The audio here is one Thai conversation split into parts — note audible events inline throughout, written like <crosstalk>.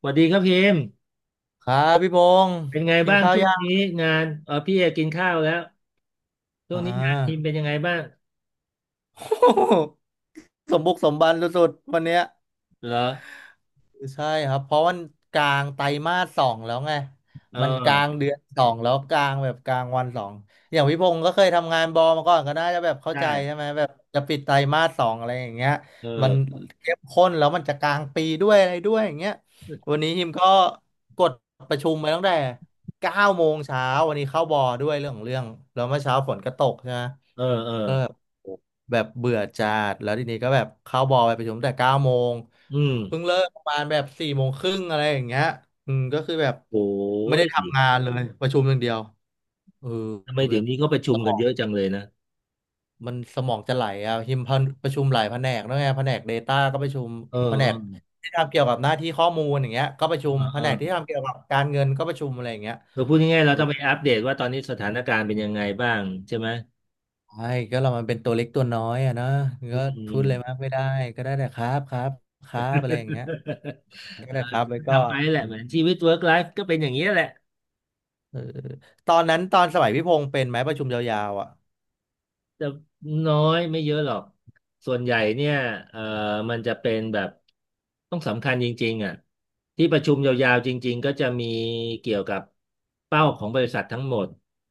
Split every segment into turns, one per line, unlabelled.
สวัสดีครับพิมพ์
ครับพี่พงศ์
เป็นไง
กิน
บ้าง
ข้าว
ช่วง
ยั
นี้
ง
งานพี่เอกินข้าวแล้วช่วง
อ่า
นี้งานพิมพ์เป็นยังไงบ้าง
<laughs> สมบุกสมบันสุดๆวันเนี้ย
เหรอ
ใช่ครับเพราะวันกลางไตรมาสสองแล้วไง
เอ
มันกลาง
อ
เดือนสองแล้วกลางแบบกลางวันสองอย่างพี่พงศ์ก็เคยทำงานบอมาก่อนก็น่าจะแบบเข้า
ใช่
ใจใช่ไหมแบบจะปิดไตรมาสสองอะไรอย่างเงี้ย
เอ
มัน
อ
เข้มข้นแล้วมันจะกลางปีด้วยอะไรด้วยอย่างเงี้ยวันนี้ฮิมก็กดประชุมไปตั้งแต่เก้าโมงเช้าวันนี้เข้าบอด้วยเรื่องของเรื่องแล้วเมื่อเช้าฝนก็ตกใช่ไหม
เออเออ
ก็แบบโอ้แบบเบื่อจัดแล้วทีนี้ก็แบบเข้าบอลไปประชุมแต่เก้าโมง
อืม
เพิ่งเลิกประมาณแบบสี่โมงครึ่งอะไรอย่างเงี้ยอืมก็คือแบบ
โอ้
ไม่ได้
ย
ทำงานเลยประชุมอย่างเดียวเออ
ทำไม
แบ
เดี๋ยว
บ
นี้ก็ประชุ
ส
ม
ม
กัน
อง
เยอะจังเลยนะ
มันสมองจะไหลอ่ะหิมพันประชุมหลายแผนกนะไงแผนก Data ก็ประชุม
เออ
แผน
เออ
กที่ทำเกี่ยวกับหน้าที่ข้อมูลอย่างเงี้ยก็ประชุม
เออ
แผ
เออ
นกที่ทำเกี่ยวกับการเงินก็ประชุมอะไรอย่างเงี้ย
เราพูดง่ายๆเราต้องไปอัปเดตว่าตอนนี้สถานการณ์เป็นยังไงบ้างใช่ไหม
ใช่ก็เรามันเป็นตัวเล็กตัวน้อยอะเนาะ
อื
ก็พูดเลยมาก
ม
ไม่ได้ก็ได้แต่ครับครับครับอะไรอย่างเงี้ย
<laughs> เอ
ก็
อ
ได้ครับไว้ก่อ
ทำไปแหละ
น
เหมือนชีวิต work life ก็เป็นอย่างนี้ยแหละ
เออตอนนั้นตอนสมัยพี่พงษ์เป็นไหมประชุมยาวๆอ่ะ
จะน้อยไม่เยอะหรอก ส่วนใหญ่เนี่ยเอ่อมันจะเป็นแบบต้องสำคัญจริงๆอ่ะที่ประชุมยาวๆจริงๆก็จะมีเกี่ยวกับเป้าของบริษัททั้งหมด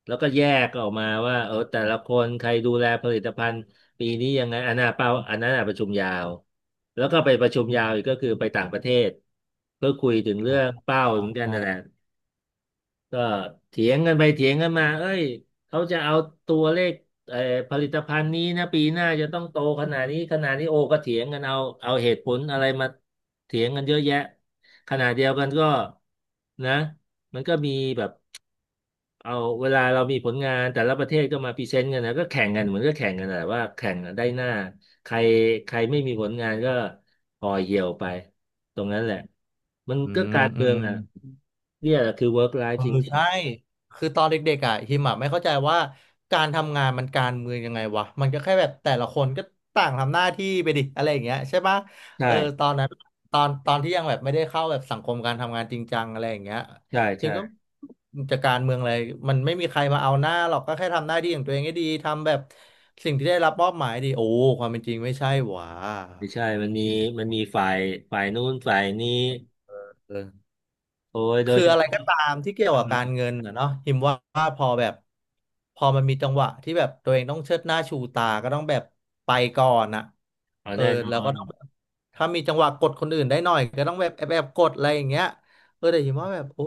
แล้วก็แยกออกมาว่าเออแต่ละคนใครดูแลผลิตภัณฑ์ปีนี้ยังไงอันน่ะเป้าอันนั้นน่ะประชุมยาวแล้วก็ไปประชุมยาวอีกก็คือไปต่างประเทศเพื่อคุยถึงเรื่
อ๋
องเป้าเหมือนกัน
อ
นั่นแหละ ก็เถียงกันไปเถียงกันมาเอ้ยเขาจะเอาตัวเลขเอ่อผลิตภัณฑ์นี้นะปีหน้าจะต้องโตขนาดนี้ขนาดนี้โอ้ก็เถียงกันเอาเหตุผลอะไรมาเถียงกันเยอะแยะขณะเดียวกันก็นะมันก็มีแบบเอาเวลาเรามีผลงานแต่ละประเทศก็มาพรีเซนต์กันนะก็แข่งกันเหมือนก็แข่งกันแหละว่าแข่งกันได้หน้าใครใครไม่มีผลงานก็ห่อเหี่ยวไปตรงนั้นแหละมัน
อื
ก็
ม
การ
อื
เมือ
ม
งอ่ะเนี่ยแหละคือ work
เอ
life
อ
จริง
ใช่คือตอนเด็กๆอ่ะฮิมอ่ะไม่เข้าใจว่าการทำงานมันการเมืองยังไงวะมันก็แค่แบบแต่ละคนก็ต่างทำหน้าที่ไปดิอะไรอย่างเงี้ยใช่ปะ
ใช่
เออตอนนั้นตอนที่ยังแบบไม่ได้เข้าแบบสังคมการทำงานจริงจังอะไรอย่างเงี้ย
ใช่
ฮิ
ใช่
มก็จะการเมืองอะไรมันไม่มีใครมาเอาหน้าหรอกก็แค่ทำหน้าที่ของตัวเองให้ดีทำแบบสิ่งที่ได้รับมอบหมายดีโอ้ความเป็นจริงไม่ใช่หว่า
ไม่ใช่มันมีมีฝ่ายฝ่ายนู้นฝ่ายนี้
เออ
โอ้ยโดย
คือ
เฉ
อะไร
พาะ
ก็ตามที่เกี่ยวกับการเงิ
เ
นนะเนาะหิมว่าพอแบบพอมันมีจังหวะที่แบบตัวเองต้องเชิดหน้าชูตาก็ต้องแบบไปก่อนอะ
อา
เออ
แน่น
แล้
อ
วก็
น
ต้องแบบถ้ามีจังหวะกดคนอื่นได้หน่อยก็ต้องแบบแอบกดอะไรอย่างเงี้ยเออแต่หิมว่าแบบโอ้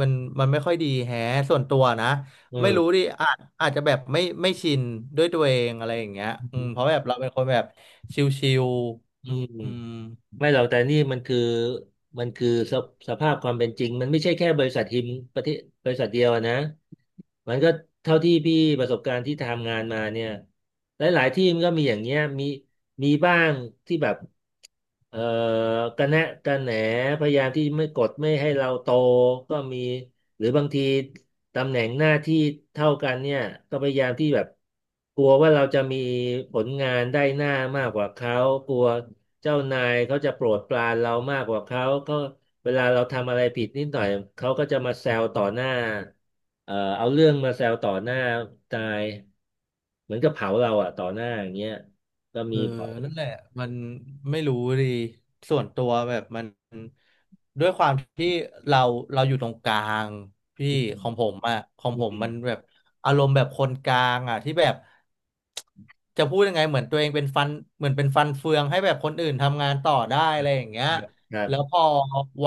มันมันไม่ค่อยดีแฮะส่วนตัวนะไม่รู้
เออ
ดิอาจจะแบบไม่ชินด้วยตัวเองอะไรอย่างเงี้ยอืมเพราะแบบเราเป็นคนแบบชิล
อืม
ๆอืม
ไม่หรอกแต่นี่มันคือมันคือสภาพความเป็นจริงมันไม่ใช่แค่บริษัททีมประเทศบริษัทเดียวนะมันก็เท่าที่พี่ประสบการณ์ที่ทำงานมาเนี่ยหลายๆที่มันก็มีอย่างเงี้ยมีมีบ้างที่แบบ เอ่อกระแนะกระแหนพยายามที่ไม่กดไม่ให้เราโตก็มีหรือบางทีตำแหน่งหน้าที่เท่ากันเนี่ยก็พยายามที่แบบกลัวว่าเราจะมีผลงานได้หน้ามากกว่าเขากลัวเจ้านายเขาจะโปรดปรานเรามากกว่าเขาก็เวลาเราทำอะไรผิดนิดหน่อยเขาก็จะมาแซวต่อหน้าเอาเรื่องมาแซวต่อหน้านายเหมือนกับเผาเราอ่ะต่อหน้าอย่างเงี้ยก็
เอ
มี
อ
บ่อย
นั่นแหละมันไม่รู้ดีส่วนตัวแบบมันด้วยความที่เราเราอยู่ตรงกลางพี่
อ
ของผ
ื
มอะของผ
ม
มมันแบบอารมณ์แบบคนกลางอะที่แบบจะพูดยังไงเหมือนตัวเองเป็นฟันเหมือนเป็นฟันเฟืองให้แบบคนอื่นทำงานต่อได้อะไรอย่างเงี้
ค
ย
รับครั
แล้ว
บ
พอ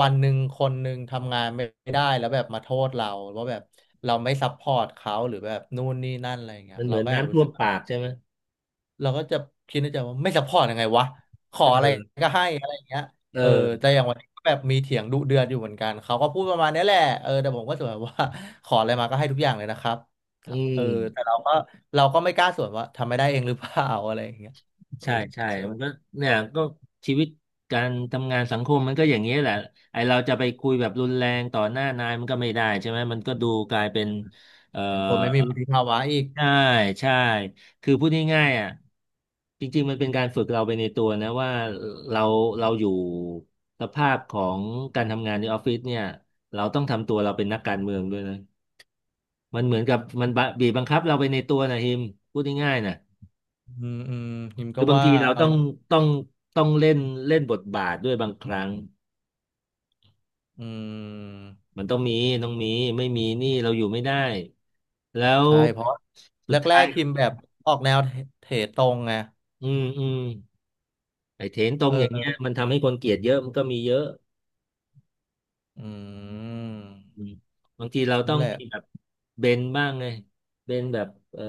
วันหนึ่งคนหนึ่งทำงานไม่ได้แล้วแบบมาโทษเราว่าแบบเราไม่ซัพพอร์ตเขาหรือแบบนู่นนี่นั่นอะไรอย่างเงี้ย
มันเห
เรา
มือน
ก็แอบ
น้ำ
รู้
ท่ว
สึ
ม
ก
ปากใช่ไหม
เราก็จะคิดในใจว่าไม่ซัพพอร์ตยังไงวะขอ
เอ
อะไร
อ
ก็ให้อะไรอย่างเงี้ย
เอ
เออ
อ
แต่อย่างวันนี้ก็แบบมีเถียงดุเดือดอยู่เหมือนกันเขาก็พูดประมาณนี้แหละเออแต่ผมก็สวนว่า <laughs> ขออะไรมาก็ให้ทุกอย่างเลยนะครับ
อื
เออแต่
ม
เราก็ไม่กล้าสวนว่าทำไม่ได้เองหรือเปล่าอะไรอย่างเงี้ยเออ
ใช่ใช่
ใช่ไหม
มันก็เนี่ยก็ชีวิตการทำงานสังคมมันก็อย่างนี้ยแหละไอเราจะไปคุยแบบรุนแรงต่อหน้านายมันก็ไม่ได้ใช่ไหมมันก็ดูกลายเป็นเอ่อ
คนไม่มีวุฒิภาวะอีก
ใช่ใช่คือพูดง่ายๆอ่ะจริงๆมันเป็นการฝึกเราไปในตัวนะว่าเราอยู่สภาพของการทำงานในออฟฟิศเนี่ยเราต้องทำตัวเราเป็นนักการเมืองด้วยนะ มันเหมือนกับมันบะบีบบังคับเราไปในตัวนะฮิมพูดง่ายๆนะ
อืมอืมฮิม
คื
ก็
อบาง
ว่า
ทีเรา
เอา
ต้องต้องเล่นเล่นบทบาทด้วยบางครั้ง
อืม
มันต้องมีต้องมีไม่มีนี่เราอยู่ไม่ได้แล้ว
ใช่เพราะ
สุ
แร
ดท้าย
กๆฮิมแบบออกแนวเทตรงไง
อืมอืมไอ้เทรนตรงอย่างเงี้ย
เออ
มันทำให้คนเกลียดเยอะมันก็มีเยอะ
อืม
อืมบางทีเราต้อ
นั่น
ง
แหละ
มีแบบเบนบ้างไงเบนแบบเออ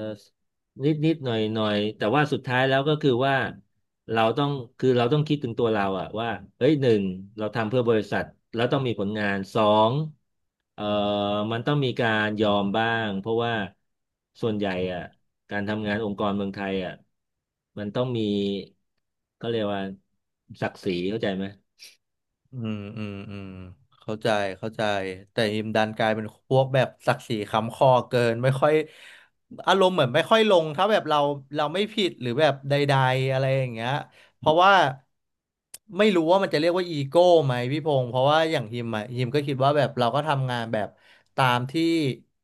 นิดนิดหน่อยหน่อยแต่ว่าสุดท้ายแล้วก็คือว่าเราต้องคือเราต้องคิดถึงตัวเราอะว่าเฮ้ยหนึ่งเราทำเพื่อบริษัทแล้วต้องมีผลงานสองเออมันต้องมีการยอมบ้างเพราะว่าส่วนใหญ่อะการทำงานองค์กรเมืองไทยอะมันต้องมีก็เรียกว่าศักดิ์ศรีเข้าใจไหม
อืมอืมอืมเข้าใจเข้าใจแต่อิมดันกลายเป็นพวกแบบศักดิ์ศรีค้ำคอเกินไม่ค่อยอารมณ์เหมือนไม่ค่อยลงถ้าแบบเราไม่ผิดหรือแบบใดๆอะไรอย่างเงี้ย เพราะว่าไม่รู้ว่ามันจะเรียกว่าอีโก้ไหมพี่พงศ์เพราะว่าอย่างฮิมอะฮิมก็คิดว่าแบบเราก็ทำงานแบบตามที่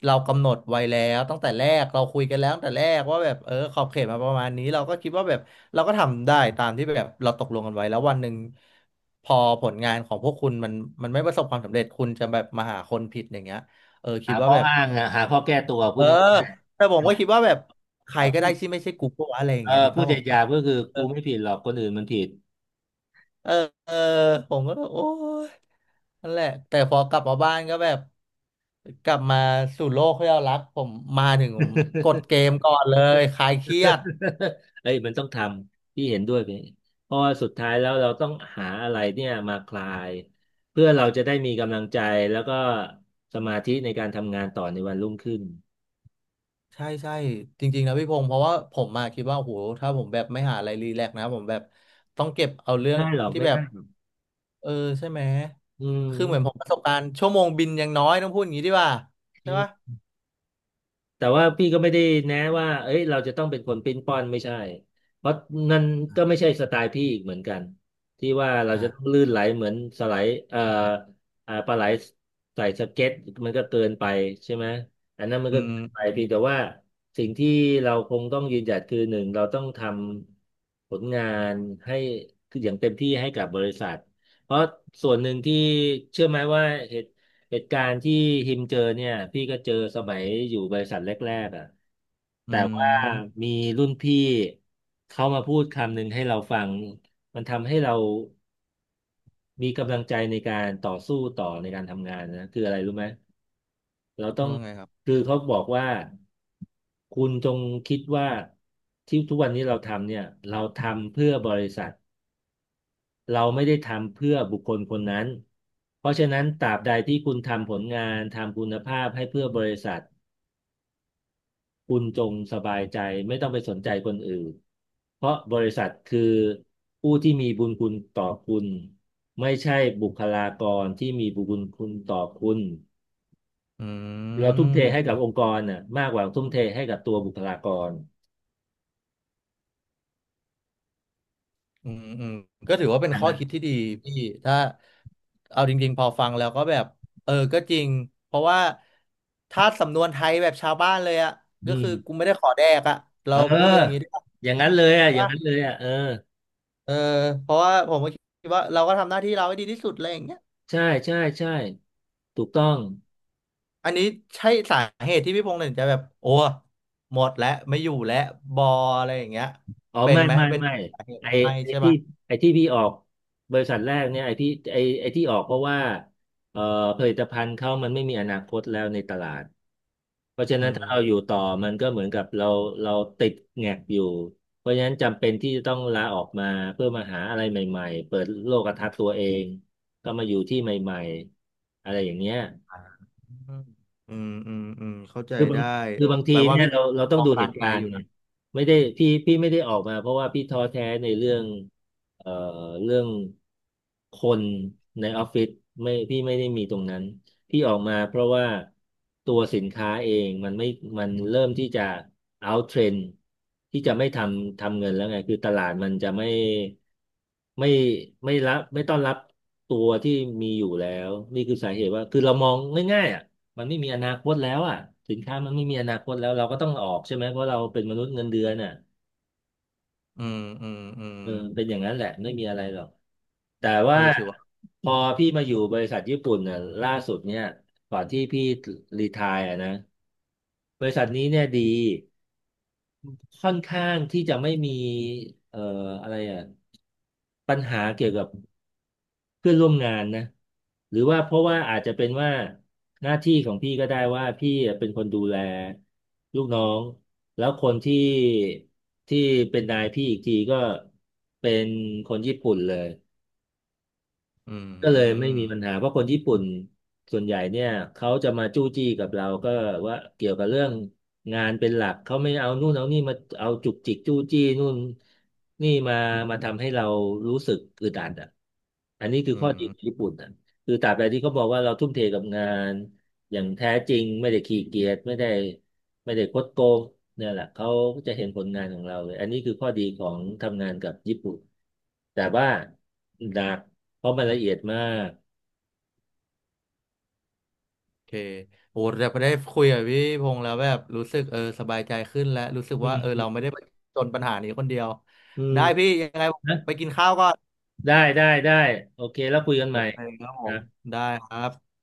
เรากำหนดไว้แล้วตั้งแต่แรกเราคุยกันแล้วตั้งแต่แรกว่าแบบเออขอบเขตมาประมาณนี้เราก็คิดว่าแบบเราก็ทำได้ตามที่แบบเราตกลงกันไว้แล้ววันหนึ่งพอผลงานของพวกคุณมันไม่ประสบความสำเร็จคุณจะแบบมาหาคนผิดอย่างเงี้ยเออคิ
หา
ดว่า
ข้อ
แบบ
อ้างอะหาข้อแก้ตัวพู
เอ
ด
อ
นี้
แต่ผมก็คิดว่าแบบใคร
อ่ะ
ก็
พู
ได้
ด
ที่ไม่ใช่กูก็วะอะไรอย่า
เอ
ง
อ
เงี้ยนึก
พูด
ภาพ
ใจ
ออก
หยา
ปะ
บก็คือกูไม่ผิดหรอกคนอื่นมันผิด
เออเออ ผมก็โอ้ยนั่นแหละแต่พอกลับมาบ้านก็แบบกลับมาสู่โลกที่เรารักผมมาถึงผมกดเกมก่อนเลยคลายเครียด
<laughs> เอ้ยมันต้องทำพี่เห็นด้วยไปเพราะว่าสุดท้ายแล้วเราต้องหาอะไรเนี่ยมาคลายเพื่อเราจะได้มีกำลังใจแล้วก็สมาธิในการทำงานต่อในวันรุ่งขึ้น
ใช่ใช่จริงๆนะพี่พงศ์เพราะว่าผมมาคิดว่าโอ้โหถ้าผมแบบไม่หาอะไรรีแลกซ์นะผมแบบต้องเก็บเอาเรื่
ไม่
อง
ได้หรอก
ที่
ไม่
แบบ
ได้หรอก
เออใช่ไหม
อื
คือเหมือนผม
ม
ประสบการณ์ชั่วโมงบินยังน้อยต้องพูดอย่างนี้ดีกว่า
อื
ใช่ปะ
ม แต่ว่าพี่ก็ไม่ได้แนะว่าเอ้ยเราจะต้องเป็นคนปิ้นป้อนไม่ใช่เพราะนั่นก็ไม่ใช่สไตล์พี่อีกเหมือนกันที่ว่าเราจะต้อง
อ่า
ลื่นไหลเหมือนสไลด์ปลาไหลใส่สเก็ตมันก็เกินไปใช่ไหมอันนั้นมัน
อื
ก็เกินไปเพียงแต่
ม
ว่าสิ่งที่เราคงต้องยืนหยัดคือหนึ่งเราต้องทำผลงานให้คืออย่างเต็มที่ให้กับบริษัทเพราะส่วนหนึ่งที่เชื่อไหมว่าเหตุ การณ์ที่ฮิมเจอเนี่ยพี่ก็เจอสมัยอยู่บริษัทแรกๆอ่ะ
อื
แต่ว่า
ม
มีรุ่นพี่เขามาพูดคำหนึ่งให้เราฟังมันทำให้เรามีกำลังใจในการต่อสู้ต่อในการทำงานนะคืออะไรรู้ไหมเราต้อง
ว่าไงครับ
คือเขาบอกว่าคุณจงคิดว่าที่ทุกวันนี้เราทำเนี่ยเราทำเพื่อบริษัทเราไม่ได้ทำเพื่อบุคคลคนนั้นเพราะฉะนั้นตราบใดที่คุณทำผลงานทำคุณภาพให้เพื่อบริษัท คุณจงสบายใจไม่ต้องไปสนใจคนอื่นเพราะบริษัทคือผู้ที่มีบุญคุณต่อคุณไม่ใช่บุคลากรที่มีบุญคุณต่อคุณ
อื
เราทุ่มเท
ม
ให้กับองค์กรน่ะมากกว่าทุ่มเทให้กับตัวบุคลากร
อืมอืมก็ถือว่าเป็น
ใช่ไห
ข้
ม
อคิดที่ดีพี่ถ้าเอาจริงๆพอฟังแล้วก็แบบเออก็จริงเพราะว่าถ้าสำนวนไทยแบบชาวบ้านเลยอะ
อื
ก็คือ
ม
กูไม่ได้ขอแดกอะ
เ
เราพูดกันอย่างนี้
ออ
ได้ว
อย่างนั้นเลยอ่ะ
ใช่
อย่าง
ปะ
นั้นเลยอ่ะเออ
เออเพราะว่าผมก็คิดว่าเราก็ทำหน้าที่เราให้ดีที่สุดอะไรอย่างเงี้ย
ใช่ใช่ใช่ถูกต้อง
อันนี้ใช่สาเหตุที่พี่พงษ์ถึงจะแบบโอ้หมดแล้วไม่อยู่แล้วบออะไรอย่างเงี้ย
อ๋อ
เป็น
ไม่
ไหม
ไม่
เป็น
ไม่
สาเหตุ
ไอ
ไหมไม่
ไอ
ใช่
ที่
ปะ
ไอที่พี่ออกบริษัทแรกเนี่ยไอที่ออกเพราะว่าเอ่อผลิตภัณฑ์เขามันไม่มีอนาคตแล้วในตลาดเพราะฉะ
อื
นั้นถ้าเรา
ม
อยู่ต่อมันก็เหมือนกับเราติดแงกอยู่เพราะฉะนั้นจำเป็นที่จะต้องลาออกมาเพื่อมาหาอะไรใหม่ๆเปิดโลกทัศน์ตัวเองก็มาอยู่ที่ใหม่ๆอะไรอย่างเงี้ย
อืมอืมอืมอืมเข้าใจ
คือบาง
ได้
คือบางที
แปลว่า
เนี่ย
พี่
เราต้อง
มอง
ดูเห
การ
ตุ
ไกล
การ
อ
ณ์
ยู่
ไง
นะ
ไม่ได้พี่ไม่ได้ออกมาเพราะว่าพี่ท้อแท้ในเรื่องเอ่อเรื่องคนในออฟฟิศไม่พี่ไม่ได้มีตรงนั้นพี่ออกมาเพราะว่าตัวสินค้าเองมันไม่มันเริ่มที่จะ out trend ที่จะไม่ทำทำเงินแล้วไงคือตลาดมันจะไม่ไม่ไม่รับไม่ต้อนรับตัวที่มีอยู่แล้วนี่คือสาเหตุว่าคือเรามองง่ายๆอ่ะ มันไม่มีอนาคตแล้วอ่ะสินค้ามันไม่มีอนาคตแล้วเราก็ต้องออกใช่ไหมเพราะเราเป็นมนุษย์เงินเดือนอ่ะ
อืมอืมอืม
เออเป็นอย่างนั้นแหละไม่มีอะไรหรอกแต่
เอ
ว่า
อถือว่า
พอพี่มาอยู่บริษัทญี่ปุ่นน่ะล่าสุดเนี่ยก่อนที่พี่รีไทร์อ่ะนะบริษัทนี้เนี่ยดีค่อนข้างที่จะไม่มีเอ่ออะไรอ่ะ ปัญหาเกี่ยวกับเพื่อนร่วมงานนะหรือว่าเพราะว่าอาจจะเป็นว่าหน้าที่ของพี่ก็ได้ว่าพี่เป็นคนดูแลลูกน้องแล้วคนที่ที่เป็นนายพี่อีกทีก็เป็นคนญี่ปุ่นเลย
อื
ก็เลยไม่
ม
มีปัญหาเพราะคนญี่ปุ่นส่วนใหญ่เนี่ยเขาจะมาจู้จี้กับเราก็ว่าเกี่ยวกับเรื่องงานเป็นหลักเขาไม่เอานู่นเอานี่มาเอาจุกจิกจู้จี้นู่นนี่มามาทำให้เรารู้สึกอึดอัดอ่ะอันนี้คือ
อื
ข้อดี
ม
ของญี่ปุ่นอ่ะคือตราบใดที่เขาบอกว่าเราทุ่มเทกับงาน อย่างแท้จริงไม่ได้ขี้เกียจไม่ได้ไม่ได้คดโกงเนี่ยแหละเขาก็จะเห็นผลงานของเราเลยอันนี้คือข้อดีของทำงานกับญี่ปุ่นแต่ว่าหนักเพราะมันละเอียดมาก
โอเคโอ้แต่พอได้คุยกับพี่พงษ์แล้วแบบรู้สึกเออสบายใจขึ้นแล้วรู้สึก
อื
ว่าเออเรา
ม
ไม่ได้จนปัญหานี้คนเดียว
อืม
ได้พี่ยังไงผม
นะ
ไปกินข้าวก่อน
ได้ได้ได้โอเคแล้วคุยกัน
โอ
ใหม่
เคครับผ
นะ
มได้ครับ